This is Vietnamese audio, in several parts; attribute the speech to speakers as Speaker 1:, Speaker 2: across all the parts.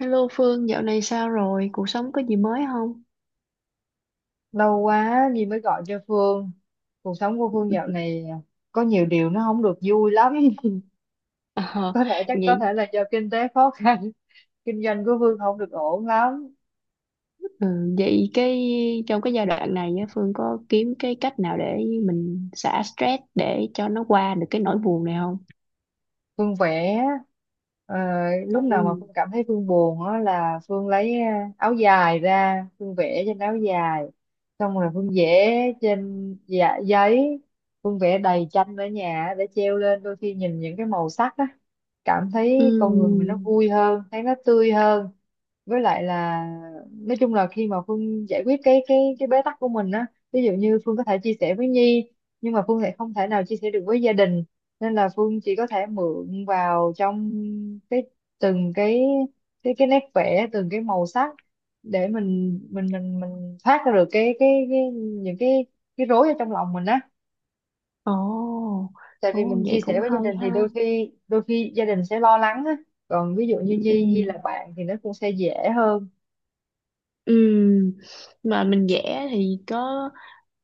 Speaker 1: Hello Phương, dạo này sao rồi? Cuộc sống có gì mới không?
Speaker 2: Lâu quá Nhi mới gọi cho Phương. Cuộc sống của Phương dạo này có nhiều điều nó không được vui lắm.
Speaker 1: Ờ,
Speaker 2: Có thể, chắc có
Speaker 1: vậy.
Speaker 2: thể là do kinh tế khó khăn, kinh doanh của Phương không được ổn lắm.
Speaker 1: Ừ, vậy cái Trong cái giai đoạn này á, Phương có kiếm cái cách nào để mình xả stress để cho nó qua được cái nỗi buồn này không?
Speaker 2: Phương vẽ. ờ,
Speaker 1: Ồ.
Speaker 2: Lúc nào mà Phương cảm thấy Phương buồn á là Phương lấy áo dài ra, Phương vẽ trên áo dài. Xong rồi Phương vẽ trên giấy. Phương vẽ đầy tranh ở nhà để treo lên, đôi khi nhìn những cái màu sắc á, cảm thấy con người mình
Speaker 1: Ừ.
Speaker 2: nó vui hơn, thấy nó tươi hơn. Với lại là nói chung là khi mà Phương giải quyết cái bế tắc của mình á, ví dụ như Phương có thể chia sẻ với Nhi, nhưng mà Phương lại không thể nào chia sẻ được với gia đình, nên là Phương chỉ có thể mượn vào trong cái, từng cái, cái nét vẽ, từng cái màu sắc, để mình thoát ra được cái những cái rối ở trong lòng mình á.
Speaker 1: Ồ.
Speaker 2: Tại vì
Speaker 1: Ồ,
Speaker 2: mình
Speaker 1: vậy
Speaker 2: chia sẻ
Speaker 1: cũng
Speaker 2: với gia
Speaker 1: hay
Speaker 2: đình thì
Speaker 1: ha.
Speaker 2: đôi khi gia đình sẽ lo lắng á. Còn ví dụ như
Speaker 1: Ừ.
Speaker 2: Nhi Nhi là bạn thì nó cũng sẽ dễ hơn.
Speaker 1: Ừ. Mà mình vẽ thì có,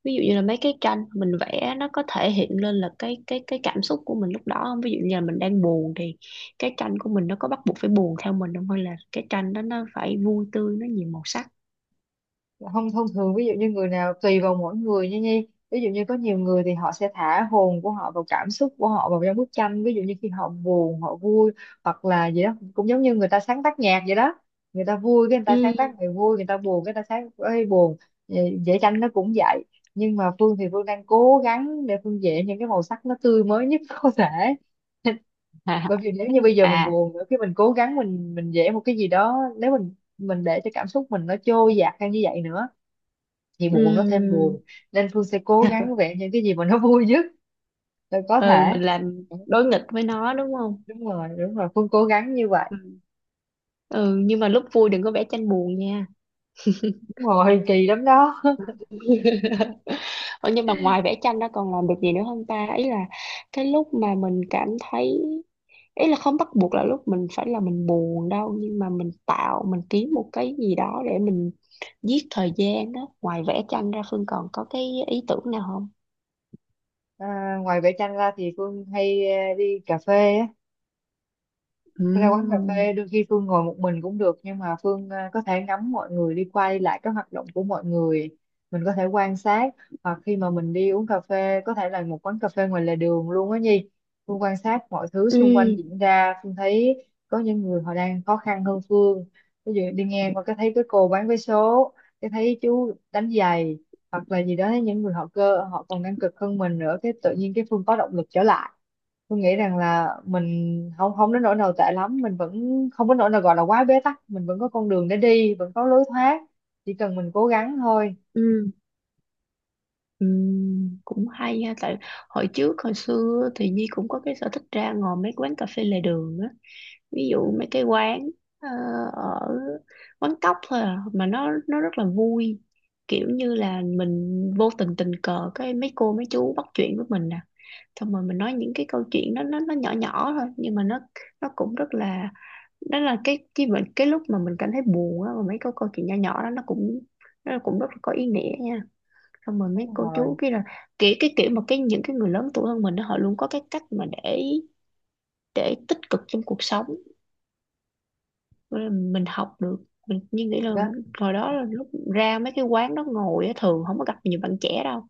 Speaker 1: ví dụ như là mấy cái tranh mình vẽ, nó có thể hiện lên là cái cảm xúc của mình lúc đó không? Ví dụ như là mình đang buồn thì cái tranh của mình nó có bắt buộc phải buồn theo mình không, hay là cái tranh đó nó phải vui tươi, nó nhiều màu sắc?
Speaker 2: Không, thông thường ví dụ như người nào, tùy vào mỗi người nha Nhi, ví dụ như có nhiều người thì họ sẽ thả hồn của họ, vào cảm xúc của họ vào trong bức tranh, ví dụ như khi họ buồn, họ vui hoặc là gì đó, cũng giống như người ta sáng tác nhạc vậy đó. Người ta vui cái người ta
Speaker 1: Ừ.
Speaker 2: sáng tác người vui, người ta buồn cái người ta sáng ấy buồn. Vẽ tranh nó cũng vậy, nhưng mà Phương thì Phương đang cố gắng để Phương vẽ những cái màu sắc nó tươi mới nhất có thể. Bởi vì nếu như bây giờ mình
Speaker 1: À.
Speaker 2: buồn nữa, khi mình cố gắng mình vẽ một cái gì đó, nếu mình để cho cảm xúc mình nó trôi dạt theo như vậy nữa thì buồn nó thêm
Speaker 1: Ừ.
Speaker 2: buồn. Nên Phương sẽ cố gắng vẽ những cái gì mà nó vui nhất là có
Speaker 1: Ừ,
Speaker 2: thể.
Speaker 1: mình làm đối nghịch với nó đúng không?
Speaker 2: Đúng rồi, đúng rồi, Phương cố gắng như vậy.
Speaker 1: Ừ. Ừ, nhưng mà lúc vui đừng có vẽ tranh buồn nha.
Speaker 2: Đúng rồi, kỳ lắm đó.
Speaker 1: Ủa, nhưng mà ngoài vẽ tranh đó còn làm được gì nữa không ta? Ý là cái lúc mà mình cảm thấy, ý là không bắt buộc là lúc mình phải là mình buồn đâu, nhưng mà mình tạo, mình kiếm một cái gì đó để mình giết thời gian đó. Ngoài vẽ tranh ra, Phương còn có cái ý tưởng nào không?
Speaker 2: À, ngoài vẽ tranh ra thì Phương hay đi cà phê á. Ra quán cà
Speaker 1: Ừm.
Speaker 2: phê đôi khi Phương ngồi một mình cũng được, nhưng mà Phương có thể ngắm mọi người đi qua đi lại, các hoạt động của mọi người, mình có thể quan sát. Hoặc khi mà mình đi uống cà phê, có thể là một quán cà phê ngoài lề đường luôn á Nhi, Phương quan sát mọi thứ xung quanh
Speaker 1: Ừm.
Speaker 2: diễn ra. Phương thấy có những người họ đang khó khăn hơn Phương, ví dụ đi ngang qua cái thấy cái cô bán vé số, cái thấy chú đánh giày, hoặc là gì đó, thấy những người họ cơ, họ còn đang cực hơn mình nữa, cái tự nhiên cái Phương có động lực trở lại. Tôi nghĩ rằng là mình không, không đến nỗi nào tệ lắm, mình vẫn không đến nỗi nào gọi là quá bế tắc, mình vẫn có con đường để đi, vẫn có lối thoát, chỉ cần mình cố gắng thôi.
Speaker 1: Ừm. Cũng hay ha. Tại hồi trước hồi xưa thì Nhi cũng có cái sở thích ra ngồi mấy quán cà phê lề đường á. Ví dụ mấy cái quán ờ, ở, quán cóc thôi à, mà nó rất là vui. Kiểu như là mình vô tình tình cờ, cái mấy cô mấy chú bắt chuyện với mình nè, xong rồi mình nói những cái câu chuyện đó, nó nhỏ nhỏ thôi, nhưng mà nó cũng rất là, đó là cái lúc mà mình cảm thấy buồn á, mà mấy câu câu chuyện nhỏ nhỏ đó nó cũng rất là có ý nghĩa nha. Xong rồi mấy
Speaker 2: Đúng
Speaker 1: cô
Speaker 2: rồi.
Speaker 1: chú kia là kiểu cái kiểu mà cái những cái người lớn tuổi hơn mình đó, họ luôn có cái cách mà để tích cực trong cuộc sống. Nên là mình học được, mình như nghĩ là
Speaker 2: Đó.
Speaker 1: hồi đó là lúc ra mấy cái quán đó ngồi á, thường không có gặp nhiều bạn trẻ đâu,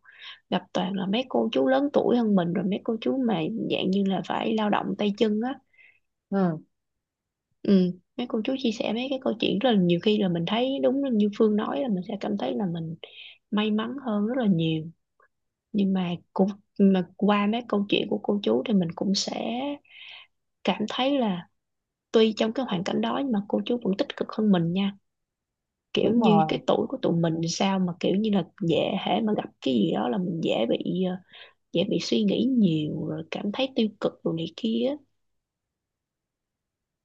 Speaker 1: gặp toàn là mấy cô chú lớn tuổi hơn mình, rồi mấy cô chú mà dạng như là phải lao động tay chân á.
Speaker 2: Ừ,
Speaker 1: Ừ. Mấy cô chú chia sẻ mấy cái câu chuyện, rất là nhiều khi là mình thấy đúng như Phương nói, là mình sẽ cảm thấy là mình may mắn hơn rất là nhiều. Nhưng mà cũng, mà qua mấy câu chuyện của cô chú thì mình cũng sẽ cảm thấy là tuy trong cái hoàn cảnh đó nhưng mà cô chú vẫn tích cực hơn mình nha. Kiểu
Speaker 2: đúng
Speaker 1: như
Speaker 2: rồi,
Speaker 1: cái tuổi của tụi mình sao mà kiểu như là dễ, hễ mà gặp cái gì đó là mình dễ bị dễ bị suy nghĩ nhiều rồi cảm thấy tiêu cực rồi này kia.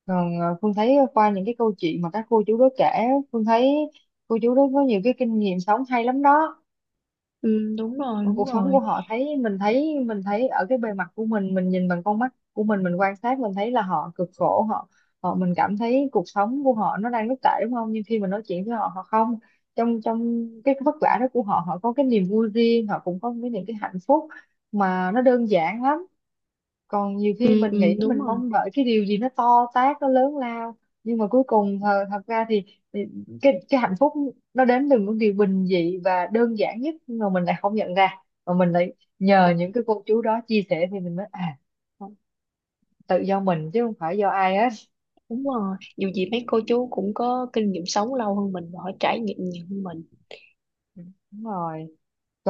Speaker 2: còn Phương thấy qua những cái câu chuyện mà các cô chú đó kể, Phương thấy cô chú đó có nhiều cái kinh nghiệm sống hay lắm đó.
Speaker 1: Ừ, đúng rồi,
Speaker 2: Còn
Speaker 1: đúng
Speaker 2: cuộc sống của
Speaker 1: rồi.
Speaker 2: họ, thấy mình thấy, mình thấy ở cái bề mặt của mình nhìn bằng con mắt của mình quan sát mình thấy là họ cực khổ, họ, họ, mình cảm thấy cuộc sống của họ nó đang rất tệ đúng không, nhưng khi mình nói chuyện với họ, họ không, trong trong cái vất vả đó của họ, họ có cái niềm vui riêng, họ cũng có cái những cái hạnh phúc mà nó đơn giản lắm. Còn nhiều khi
Speaker 1: Ừ,
Speaker 2: mình nghĩ
Speaker 1: ừ, đúng
Speaker 2: mình
Speaker 1: rồi,
Speaker 2: mong đợi cái điều gì nó to tát, nó lớn lao, nhưng mà cuối cùng thật, thật ra thì cái hạnh phúc nó đến từ những điều bình dị và đơn giản nhất, nhưng mà mình lại không nhận ra, mà mình lại nhờ những cái cô chú đó chia sẻ thì mình mới à, tự do mình chứ không phải do ai hết.
Speaker 1: đúng rồi. Dù gì mấy cô chú cũng có kinh nghiệm sống lâu hơn mình và họ trải nghiệm nhiều hơn mình.
Speaker 2: Đúng rồi.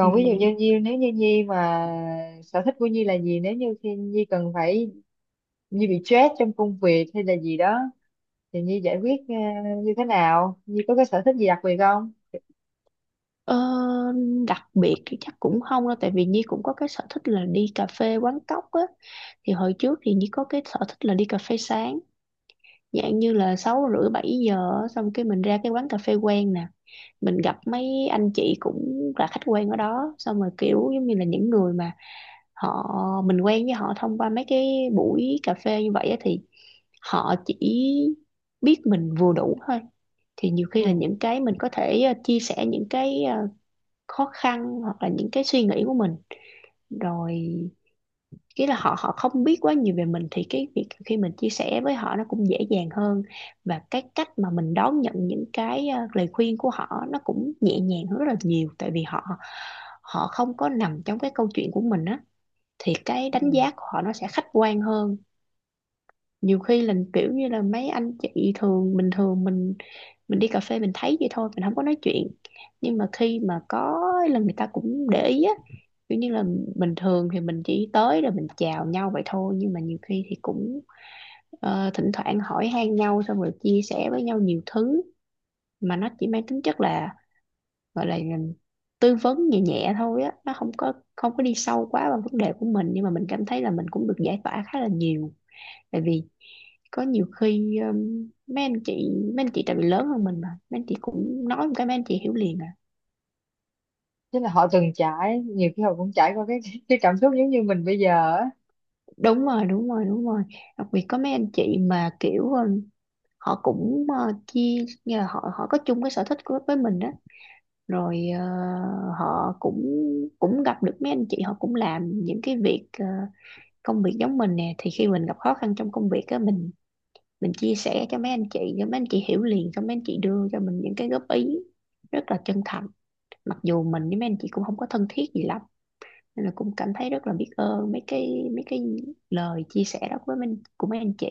Speaker 1: Ừ.
Speaker 2: ví dụ như Nhi, nếu như Nhi mà sở thích của Nhi là gì, nếu như khi Nhi cần phải, Nhi bị stress trong công việc hay là gì đó, thì Nhi giải quyết như thế nào, Nhi có cái sở thích gì đặc biệt không?
Speaker 1: Ờ, đặc biệt thì chắc cũng không đâu, tại vì Nhi cũng có cái sở thích là đi cà phê quán cóc á. Thì hồi trước thì Nhi có cái sở thích là đi cà phê sáng, dạng như là 6 rưỡi 7 giờ á, xong cái mình ra cái quán cà phê quen nè. Mình gặp mấy anh chị cũng là khách quen ở đó, xong rồi kiểu giống như là những người mà họ, mình quen với họ thông qua mấy cái buổi cà phê như vậy á, thì họ chỉ biết mình vừa đủ thôi. Thì nhiều khi là
Speaker 2: Ừ.
Speaker 1: những cái mình có thể chia sẻ những cái khó khăn hoặc là những cái suy nghĩ của mình, rồi cái là họ họ không biết quá nhiều về mình, thì cái việc khi mình chia sẻ với họ nó cũng dễ dàng hơn. Và cái cách mà mình đón nhận những cái lời khuyên của họ nó cũng nhẹ nhàng hơn rất là nhiều, tại vì họ họ không có nằm trong cái câu chuyện của mình á, thì cái đánh
Speaker 2: Ừ.
Speaker 1: giá của họ nó sẽ khách quan hơn. Nhiều khi là kiểu như là mấy anh chị thường bình thường mình đi cà phê mình thấy vậy thôi, mình không có nói chuyện, nhưng mà khi mà có là người ta cũng để ý á, kiểu như là bình thường thì mình chỉ tới rồi mình chào nhau vậy thôi, nhưng mà nhiều khi thì cũng thỉnh thoảng hỏi han nhau xong rồi chia sẻ với nhau nhiều thứ, mà nó chỉ mang tính chất là gọi là tư vấn nhẹ nhẹ thôi á, nó không có, không có đi sâu quá vào vấn đề của mình, nhưng mà mình cảm thấy là mình cũng được giải tỏa khá là nhiều. Tại vì có nhiều khi mấy anh chị, mấy anh chị tại vì lớn hơn mình mà mấy anh chị cũng nói một cái mấy anh chị hiểu liền à.
Speaker 2: Tức là họ từng trải, nhiều khi họ cũng trải qua cái cái cảm xúc giống như mình bây giờ á.
Speaker 1: Đúng rồi, đúng rồi, đúng rồi. Đặc biệt có mấy anh chị mà kiểu họ cũng chia, như là họ họ có chung cái sở thích của, với mình đó. Rồi họ cũng, cũng gặp được mấy anh chị họ cũng làm những cái việc công việc giống mình nè, thì khi mình gặp khó khăn trong công việc á, mình chia sẻ cho mấy anh chị, cho mấy anh chị hiểu liền, cho mấy anh chị đưa cho mình những cái góp ý rất là chân thành, mặc dù mình với mấy anh chị cũng không có thân thiết gì lắm, nên là cũng cảm thấy rất là biết ơn mấy cái lời chia sẻ đó với mình của mấy anh chị.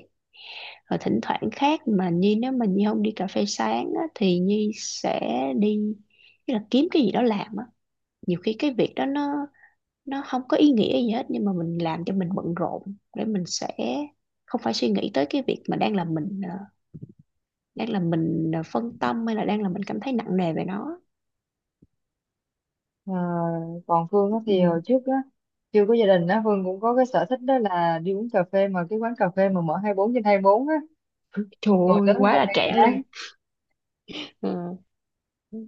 Speaker 1: Rồi thỉnh thoảng khác mà Nhi, nếu mà Nhi không đi cà phê sáng á, thì Nhi sẽ đi, tức là kiếm cái gì đó làm á. Nhiều khi cái việc đó nó không có ý nghĩa gì hết, nhưng mà mình làm cho mình bận rộn để mình sẽ không phải suy nghĩ tới cái việc mà đang làm mình đang làm mình phân tâm, hay là đang làm mình cảm thấy nặng nề về nó.
Speaker 2: Ờ, còn Phương á thì
Speaker 1: Ừ.
Speaker 2: hồi trước á, chưa có gia đình á, Phương cũng có cái sở thích đó là đi uống cà phê mà cái quán cà phê mà mở 24 trên 24 á,
Speaker 1: Trời
Speaker 2: ngồi
Speaker 1: ơi,
Speaker 2: tới
Speaker 1: quá
Speaker 2: một
Speaker 1: là
Speaker 2: ngày
Speaker 1: trẻ
Speaker 2: là
Speaker 1: luôn.
Speaker 2: đấy
Speaker 1: Ờ,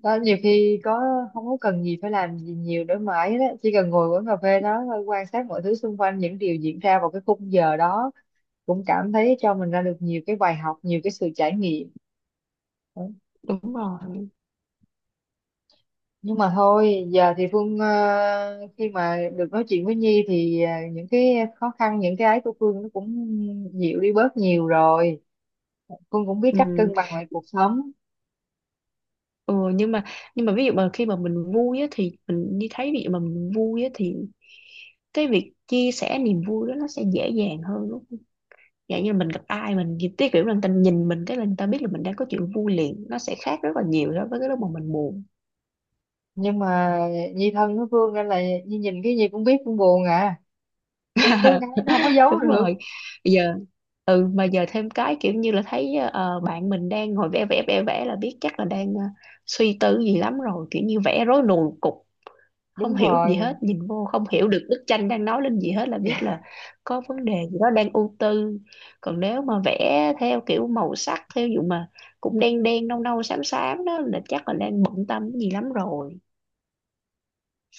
Speaker 2: đó. Nhiều khi có, không có cần gì phải làm gì nhiều để mãi đó, chỉ cần ngồi quán cà phê đó thôi, quan sát mọi thứ xung quanh, những điều diễn ra vào cái khung giờ đó, cũng cảm thấy cho mình ra được nhiều cái bài học, nhiều cái sự trải nghiệm.
Speaker 1: đúng rồi.
Speaker 2: Nhưng mà thôi, giờ thì Phương khi mà được nói chuyện với Nhi thì ờ, những cái khó khăn, những cái ấy của Phương nó cũng dịu đi bớt nhiều rồi, Phương cũng biết cách
Speaker 1: Ừ.
Speaker 2: cân bằng lại cuộc sống.
Speaker 1: Ừ nhưng mà, nhưng mà ví dụ mà khi mà mình vui á thì mình đi thấy, ví dụ mà mình vui á thì cái việc chia sẻ niềm vui đó nó sẽ dễ dàng hơn đúng không? Dạng như mình gặp ai mình thì cái kiểu là người ta nhìn mình cái là người ta biết là mình đang có chuyện vui liền, nó sẽ khác rất là nhiều so với cái lúc mà mình buồn.
Speaker 2: Nhưng mà Nhi thân với Phương nên là Nhi nhìn cái gì cũng biết Phương buồn à, cái có cái nó không có giấu
Speaker 1: Đúng
Speaker 2: được.
Speaker 1: rồi. Bây giờ, ừ mà giờ thêm cái kiểu như là thấy bạn mình đang ngồi vẽ vẽ vẽ vẽ là biết chắc là đang suy tư gì lắm rồi, kiểu như vẽ rối nùi cục, không
Speaker 2: Đúng
Speaker 1: hiểu gì hết,
Speaker 2: rồi.
Speaker 1: nhìn vô không hiểu được bức tranh đang nói lên gì hết, là biết là có vấn đề gì đó đang ưu tư. Còn nếu mà vẽ theo kiểu màu sắc theo dụ mà cũng đen đen nâu nâu xám xám đó là chắc là đang bận tâm cái gì lắm rồi.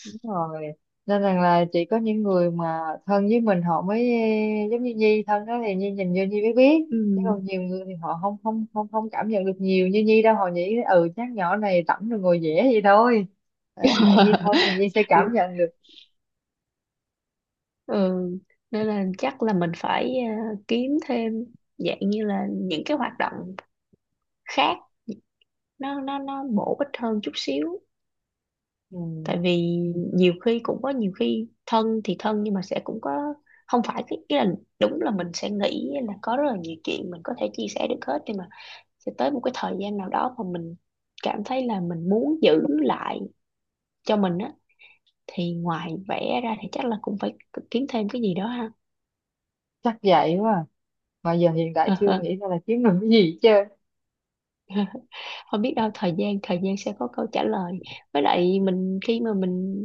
Speaker 2: Đúng rồi, nên rằng là chỉ có những người mà thân với mình họ mới giống như Nhi thân đó thì Nhi nhìn vô Nhi mới biết,
Speaker 1: Ừ.
Speaker 2: chứ còn nhiều người thì họ không không không không cảm nhận được nhiều như Nhi đâu, họ nghĩ ừ chắc nhỏ này rảnh rồi ngồi vẽ vậy thôi. Đó, tại Nhi thân thì Nhi sẽ cảm nhận được.
Speaker 1: Ừ. Nên là chắc là mình phải kiếm thêm, dạng như là những cái hoạt động khác, nó bổ ích hơn chút xíu.
Speaker 2: Ừ,
Speaker 1: Tại vì nhiều khi cũng có, nhiều khi thân thì thân nhưng mà sẽ cũng có, không phải cái ý là, đúng là mình sẽ nghĩ là có rất là nhiều chuyện mình có thể chia sẻ được hết, nhưng mà sẽ tới một cái thời gian nào đó mà mình cảm thấy là mình muốn giữ lại cho mình á, thì ngoài vẽ ra thì chắc là cũng phải kiếm thêm cái gì đó ha.
Speaker 2: chắc vậy quá à. Mà giờ hiện tại chưa nghĩ ra là kiếm được cái gì chứ.
Speaker 1: Không biết đâu, thời gian sẽ có câu trả lời. Với lại mình khi mà mình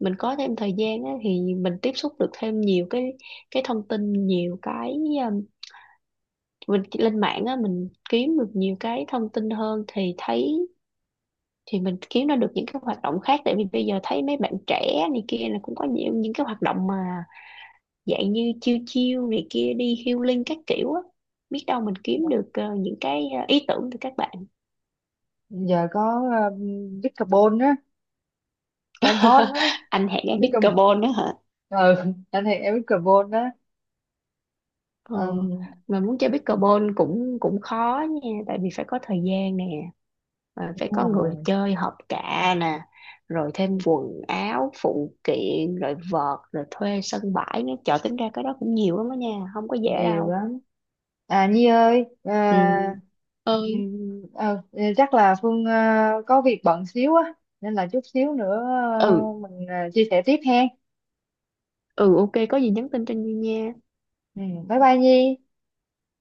Speaker 1: mình có thêm thời gian á, thì mình tiếp xúc được thêm nhiều cái thông tin, nhiều cái um, mình lên mạng á, mình kiếm được nhiều cái thông tin hơn thì thấy, thì mình kiếm ra được những cái hoạt động khác. Tại vì bây giờ thấy mấy bạn trẻ này kia là cũng có nhiều những cái hoạt động mà dạng như chiêu chiêu này kia, đi healing các kiểu á, biết đâu mình kiếm được những cái ý tưởng từ các bạn.
Speaker 2: Giờ có uh, Bitcarbon á, đang hot á.
Speaker 1: Anh hẹn em biết
Speaker 2: Bitcarbon,
Speaker 1: carbon đó.
Speaker 2: ừ, anh thì em Bitcarbon đó.
Speaker 1: Ờ,
Speaker 2: um,
Speaker 1: mà muốn chơi pickleball cũng cũng khó nha, tại vì phải có thời gian nè, mà
Speaker 2: Đúng
Speaker 1: phải có người
Speaker 2: rồi,
Speaker 1: chơi hợp cạ nè, rồi thêm quần áo phụ kiện, rồi vợt, rồi thuê sân bãi nữa, trời tính ra cái đó cũng nhiều lắm đó nha, không có dễ
Speaker 2: nhiều
Speaker 1: đâu.
Speaker 2: lắm. À Nhi ơi,
Speaker 1: Ừ.
Speaker 2: à,
Speaker 1: Ơi.
Speaker 2: chắc là Phương có việc bận xíu á, nên là chút xíu nữa
Speaker 1: Ừ.
Speaker 2: mình chia sẻ tiếp ha.
Speaker 1: Ừ, ok, có gì nhắn tin cho Nhi nha.
Speaker 2: Ừ, bye bye Nhi.